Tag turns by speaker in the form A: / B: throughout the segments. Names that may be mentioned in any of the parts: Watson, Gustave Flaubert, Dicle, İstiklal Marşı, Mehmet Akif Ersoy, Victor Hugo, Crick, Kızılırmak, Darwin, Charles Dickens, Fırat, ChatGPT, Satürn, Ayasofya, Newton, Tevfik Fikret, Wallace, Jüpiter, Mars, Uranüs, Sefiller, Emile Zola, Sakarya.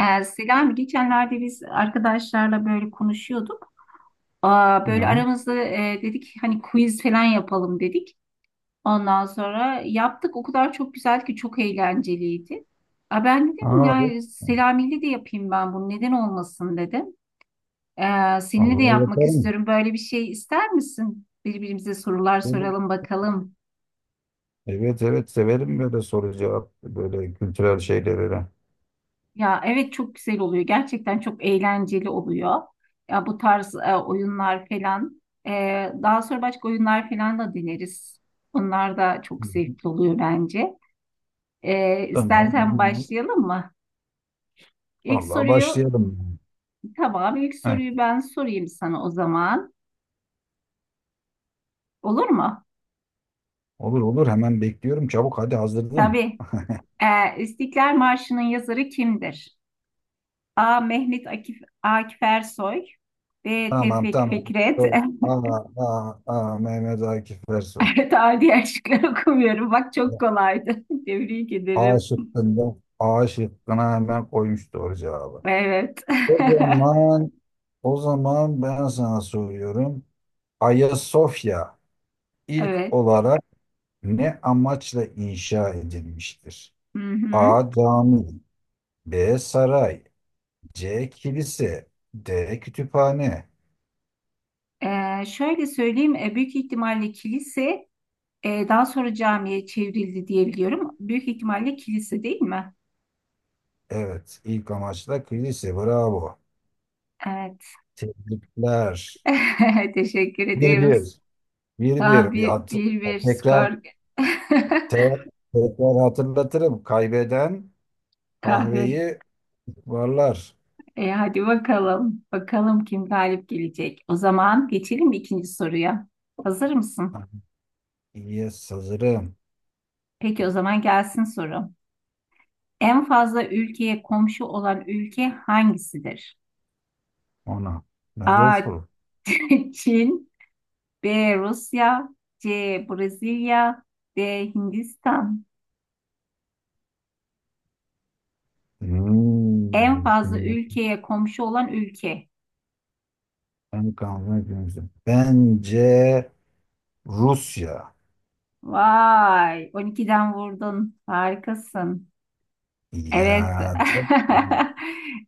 A: Selami geçenlerde biz arkadaşlarla böyle konuşuyorduk. Aa, böyle
B: Hı.
A: aramızda dedik hani quiz falan yapalım dedik. Ondan sonra yaptık. O kadar çok güzel ki çok eğlenceliydi. Aa, ben dedim
B: Aa, evet.
A: ya Selami'yle de yapayım ben bunu neden olmasın dedim. Seninle de
B: Vallahi
A: yapmak
B: yaparım.
A: istiyorum. Böyle bir şey ister misin? Birbirimize sorular
B: Olur.
A: soralım bakalım.
B: Evet evet severim böyle soru cevap böyle kültürel şeyleri. Hı
A: Ya evet, çok güzel oluyor. Gerçekten çok eğlenceli oluyor. Ya bu tarz oyunlar falan. Daha sonra başka oyunlar falan da deneriz. Onlar da çok
B: hı.
A: zevkli oluyor bence.
B: Tamam.
A: İstersen başlayalım mı? İlk
B: Vallahi
A: soruyu
B: başlayalım.
A: tamam, ilk
B: Heh,
A: soruyu ben sorayım sana o zaman. Olur mu?
B: olur olur hemen bekliyorum. Çabuk hadi hazırladım.
A: Tabii. E, İstiklal Marşı'nın yazarı kimdir? A. Mehmet Akif, Akif Ersoy. B.
B: Tamam
A: Tevfik
B: tamam.
A: Fikret.
B: Dur. Aa, aa, aa, Mehmet Akif Ersoy.
A: Evet, adi şıkları okumuyorum. Bak çok kolaydı. Tebrik
B: A
A: ederim.
B: şıkkında A şıkkına hemen koymuş doğru cevabı.
A: Evet.
B: O zaman o zaman ben sana soruyorum. Ayasofya ilk
A: Evet.
B: olarak ne amaçla inşa edilmiştir?
A: Hı hı.
B: A. Cami. B. Saray. C. Kilise. D. Kütüphane.
A: Şöyle söyleyeyim. Büyük ihtimalle kilise daha sonra camiye çevrildi diye biliyorum. Büyük ihtimalle kilise değil mi?
B: Evet, ilk amaçla kilise. Bravo.
A: Evet.
B: Tebrikler.
A: Teşekkür
B: Bir
A: ederim.
B: bir. Bir
A: Tamam,
B: bir. Bir
A: bir,
B: hat
A: bir, bir
B: tekrar
A: skor.
B: te tekrar hatırlatırım. Kaybeden
A: Kahve.
B: kahveyi varlar.
A: Hadi bakalım. Bakalım kim galip gelecek. O zaman geçelim ikinci soruya. Hazır mısın?
B: İyi hazırım
A: Peki o zaman gelsin soru. En fazla ülkeye komşu olan ülke hangisidir?
B: ona. Ne zor
A: A.
B: soru.
A: Çin. B. Rusya. C. Brezilya. D. Hindistan.
B: Hmm,
A: En fazla
B: düşünüyorum.
A: ülkeye komşu olan ülke.
B: Ben kalmak üzere. Bence Rusya.
A: Vay, 12'den vurdun. Harikasın. Evet.
B: Ya tabii.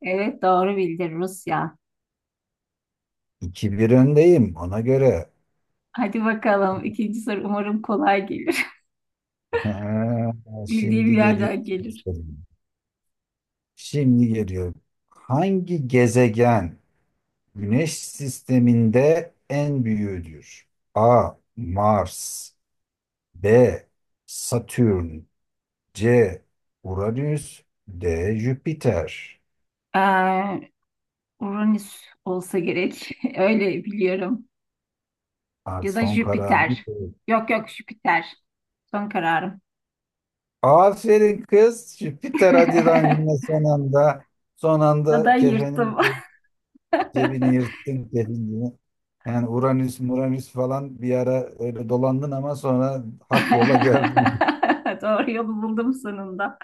A: Evet, doğru bildin, Rusya.
B: 2-1 öndeyim ona göre.
A: Hadi bakalım, ikinci soru umarım kolay gelir.
B: Ha,
A: Bildiğim
B: şimdi geliyor.
A: yerden gelir.
B: Şimdi geliyor. Hangi gezegen Güneş sisteminde en büyüğüdür? A. Mars. B. Satürn. C. Uranüs. D. Jüpiter.
A: Ee, Uranüs olsa gerek. Öyle biliyorum.
B: Artık
A: Ya da
B: son kararını
A: Jüpiter.
B: ver.
A: Yok yok, Jüpiter. Son kararım.
B: Aferin kız. Jüpiter Adidan yine son anda
A: Ya da
B: kefenin
A: yırttım.
B: cebini yırttın kendini. Yani Uranüs, Muranüs falan bir ara öyle dolandın ama sonra hak yola geldin.
A: Doğru yolu buldum sonunda.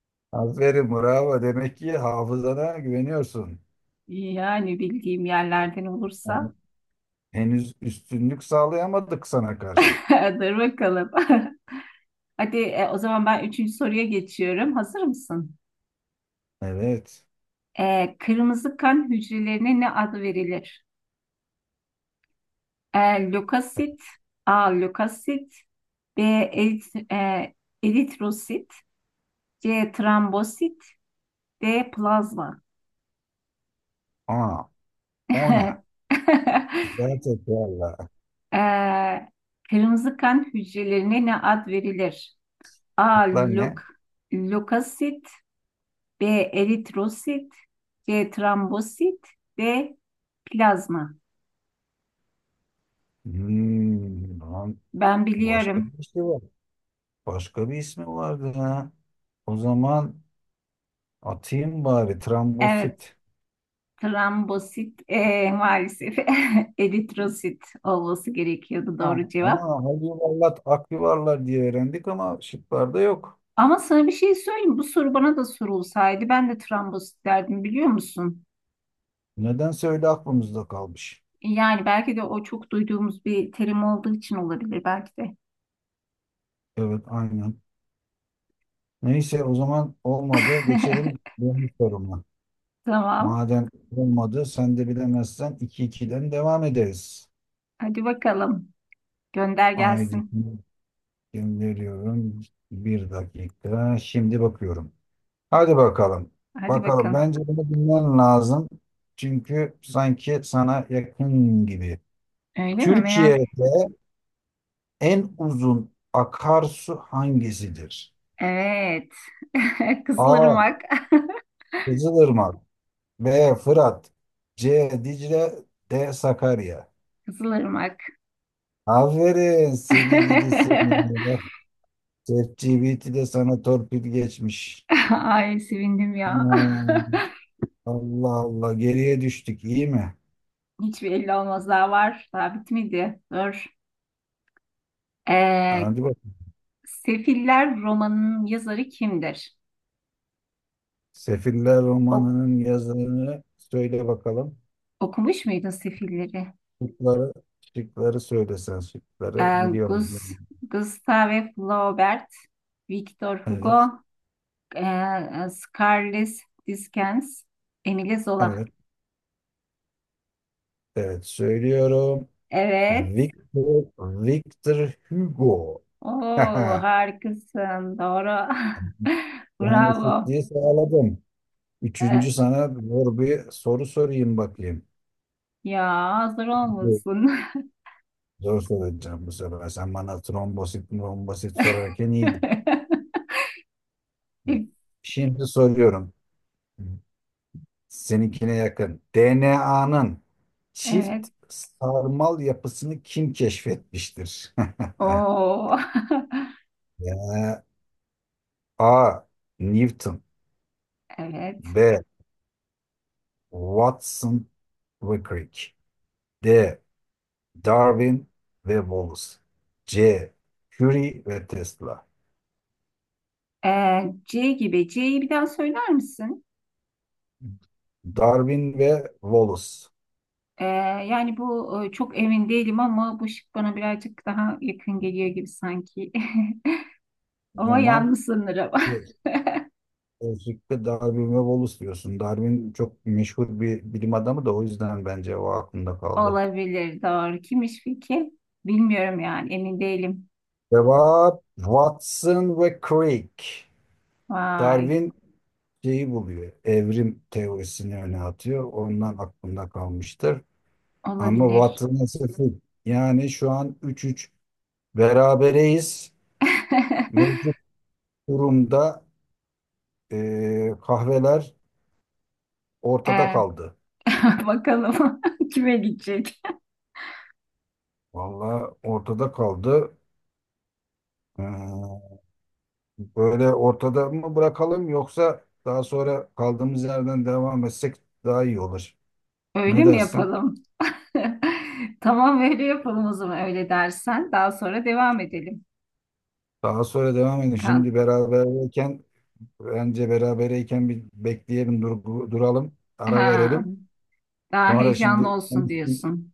B: Aferin bravo. Demek ki hafızana güveniyorsun.
A: Yani bildiğim yerlerden
B: Yani
A: olursa.
B: henüz üstünlük sağlayamadık sana karşı.
A: Dur bakalım. Hadi o zaman ben üçüncü soruya geçiyorum. Hazır mısın?
B: Evet.
A: Kırmızı kan hücrelerine ne adı verilir? E, lökosit, A. Lökosit. B. Eritrosit. C. Trombosit. D. Plazma.
B: Aa, ona. Bir daha tekrarla.
A: Ee, Kırmızı kan hücrelerine ne ad verilir? A.
B: Aklıklar ne?
A: Lökosit. B. Eritrosit. C. Trombosit. D. Plazma.
B: Hmm, lan
A: Ben
B: başka
A: biliyorum.
B: bir şey var. Başka bir ismi vardı ha. O zaman atayım bari
A: Evet,
B: trambosit.
A: trombosit, maalesef eritrosit olması gerekiyordu doğru
B: Tamam. Ama
A: cevap.
B: hal yuvarlat, ak yuvarlar diye öğrendik ama şıklarda yok.
A: Ama sana bir şey söyleyeyim. Bu soru bana da sorulsaydı ben de trombosit derdim, biliyor musun?
B: Nedense öyle aklımızda kalmış.
A: Yani belki de o çok duyduğumuz bir terim olduğu için olabilir belki de.
B: Evet aynen. Neyse o zaman olmadı. Geçelim benim soruma.
A: Tamam.
B: Madem olmadı sen de bilemezsen 2-2'den devam ederiz.
A: Hadi bakalım. Gönder
B: Haydi
A: gelsin.
B: gönderiyorum. Bir dakika. Şimdi bakıyorum. Hadi bakalım.
A: Hadi
B: Bakalım.
A: bakın.
B: Bence bunu bilmen lazım. Çünkü sanki sana yakın gibi.
A: Öyle mi, merak?
B: Türkiye'de en uzun akarsu hangisidir?
A: Evet.
B: A.
A: Kızılırmak.
B: Kızılırmak. B. Fırat. C. Dicle. D. Sakarya.
A: Kızılırmak.
B: Aferin seni gidi seni. Bak, ChatGPT de sana torpil geçmiş.
A: Ay sevindim ya.
B: Hmm, Allah Allah geriye düştük iyi mi?
A: Hiçbir elli olmaz, daha var. Daha bitmedi. Dur. Ee,
B: Hadi bakalım.
A: Sefiller romanının yazarı kimdir?
B: Sefiller
A: Ok-
B: romanının yazarını söyle bakalım.
A: Okumuş muydun Sefilleri?
B: Şıkları, şıkları, söylesen şıkları
A: Ee,
B: biliyorum.
A: Gus- Gustave Flaubert, Victor
B: Evet,
A: Hugo, e, Charles Dickens, Emile Zola.
B: evet, evet söylüyorum.
A: Evet.
B: Victor, Victor Hugo.
A: Oo, harikasın. Doğru.
B: Yani
A: Bravo.
B: eşitliği sağladım.
A: Ee,
B: Üçüncü sana zor bir soru sorayım bakayım.
A: Ya hazır
B: Evet.
A: olmasın.
B: Zor soracağım bu sefer. Sen bana trombosit, trombosit sorarken iyiydin. Şimdi soruyorum. Seninkine yakın. DNA'nın çift
A: Evet.
B: sarmal yapısını kim keşfetmiştir?
A: Oo.
B: Ya, A. Newton.
A: Evet.
B: B. Watson ve Crick. D. Darwin ve Wallace. C. Curie ve Tesla.
A: C gibi. C'yi bir daha söyler misin?
B: Darwin ve Wallace.
A: Ee, Yani bu çok emin değilim ama bu şık bana birazcık daha yakın geliyor gibi sanki.
B: O
A: Ama
B: zaman
A: yanlış sanırım.
B: özellikle Darwin ve Wallace diyorsun. Darwin çok meşhur bir bilim adamı da o yüzden bence o aklımda kaldı.
A: Olabilir, doğru. Kimmiş peki? Bilmiyorum yani, emin değilim.
B: Cevap Watson ve Crick.
A: Vay,
B: Darwin şeyi buluyor. Evrim teorisini öne atıyor. Ondan aklımda kalmıştır. Ama
A: olabilir.
B: Watson'a sıfır. Yani şu an 3-3 berabereyiz. Mevcut durumda kahveler ortada
A: Ee,
B: kaldı.
A: bakalım kime gidecek?
B: Vallahi ortada kaldı. Ee, Böyle ortada mı bırakalım yoksa daha sonra kaldığımız yerden devam etsek daha iyi olur.
A: Öyle
B: Ne
A: mi
B: dersin?
A: yapalım? Tamam, öyle yapalım o zaman, öyle dersen. Daha sonra devam edelim.
B: Daha sonra devam edelim. Şimdi
A: Kan.
B: beraberken bence berabereyken bir bekleyelim, duralım, ara
A: Ha,
B: verelim.
A: daha
B: Sonra
A: heyecanlı
B: şimdi sen
A: olsun
B: üstün,
A: diyorsun.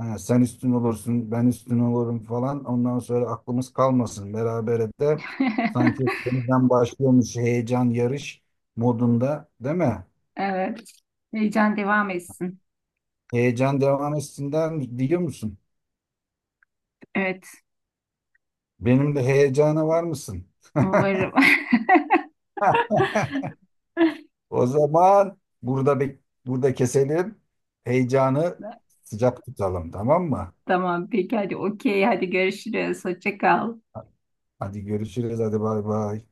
B: ha, sen üstün olursun, ben üstün olurum falan. Ondan sonra aklımız kalmasın. Berabere de sanki yeniden başlıyormuş heyecan yarış modunda, değil mi?
A: Evet. Heyecan devam etsin.
B: Heyecan devam etsinler mi- Diyor musun?
A: Evet.
B: Benim de heyecana var mısın?
A: Umarım.
B: O zaman burada keselim. Heyecanı sıcak tutalım, tamam mı?
A: Tamam. Peki hadi okey. Hadi görüşürüz. Hoşça kal.
B: Hadi görüşürüz, hadi bay bay.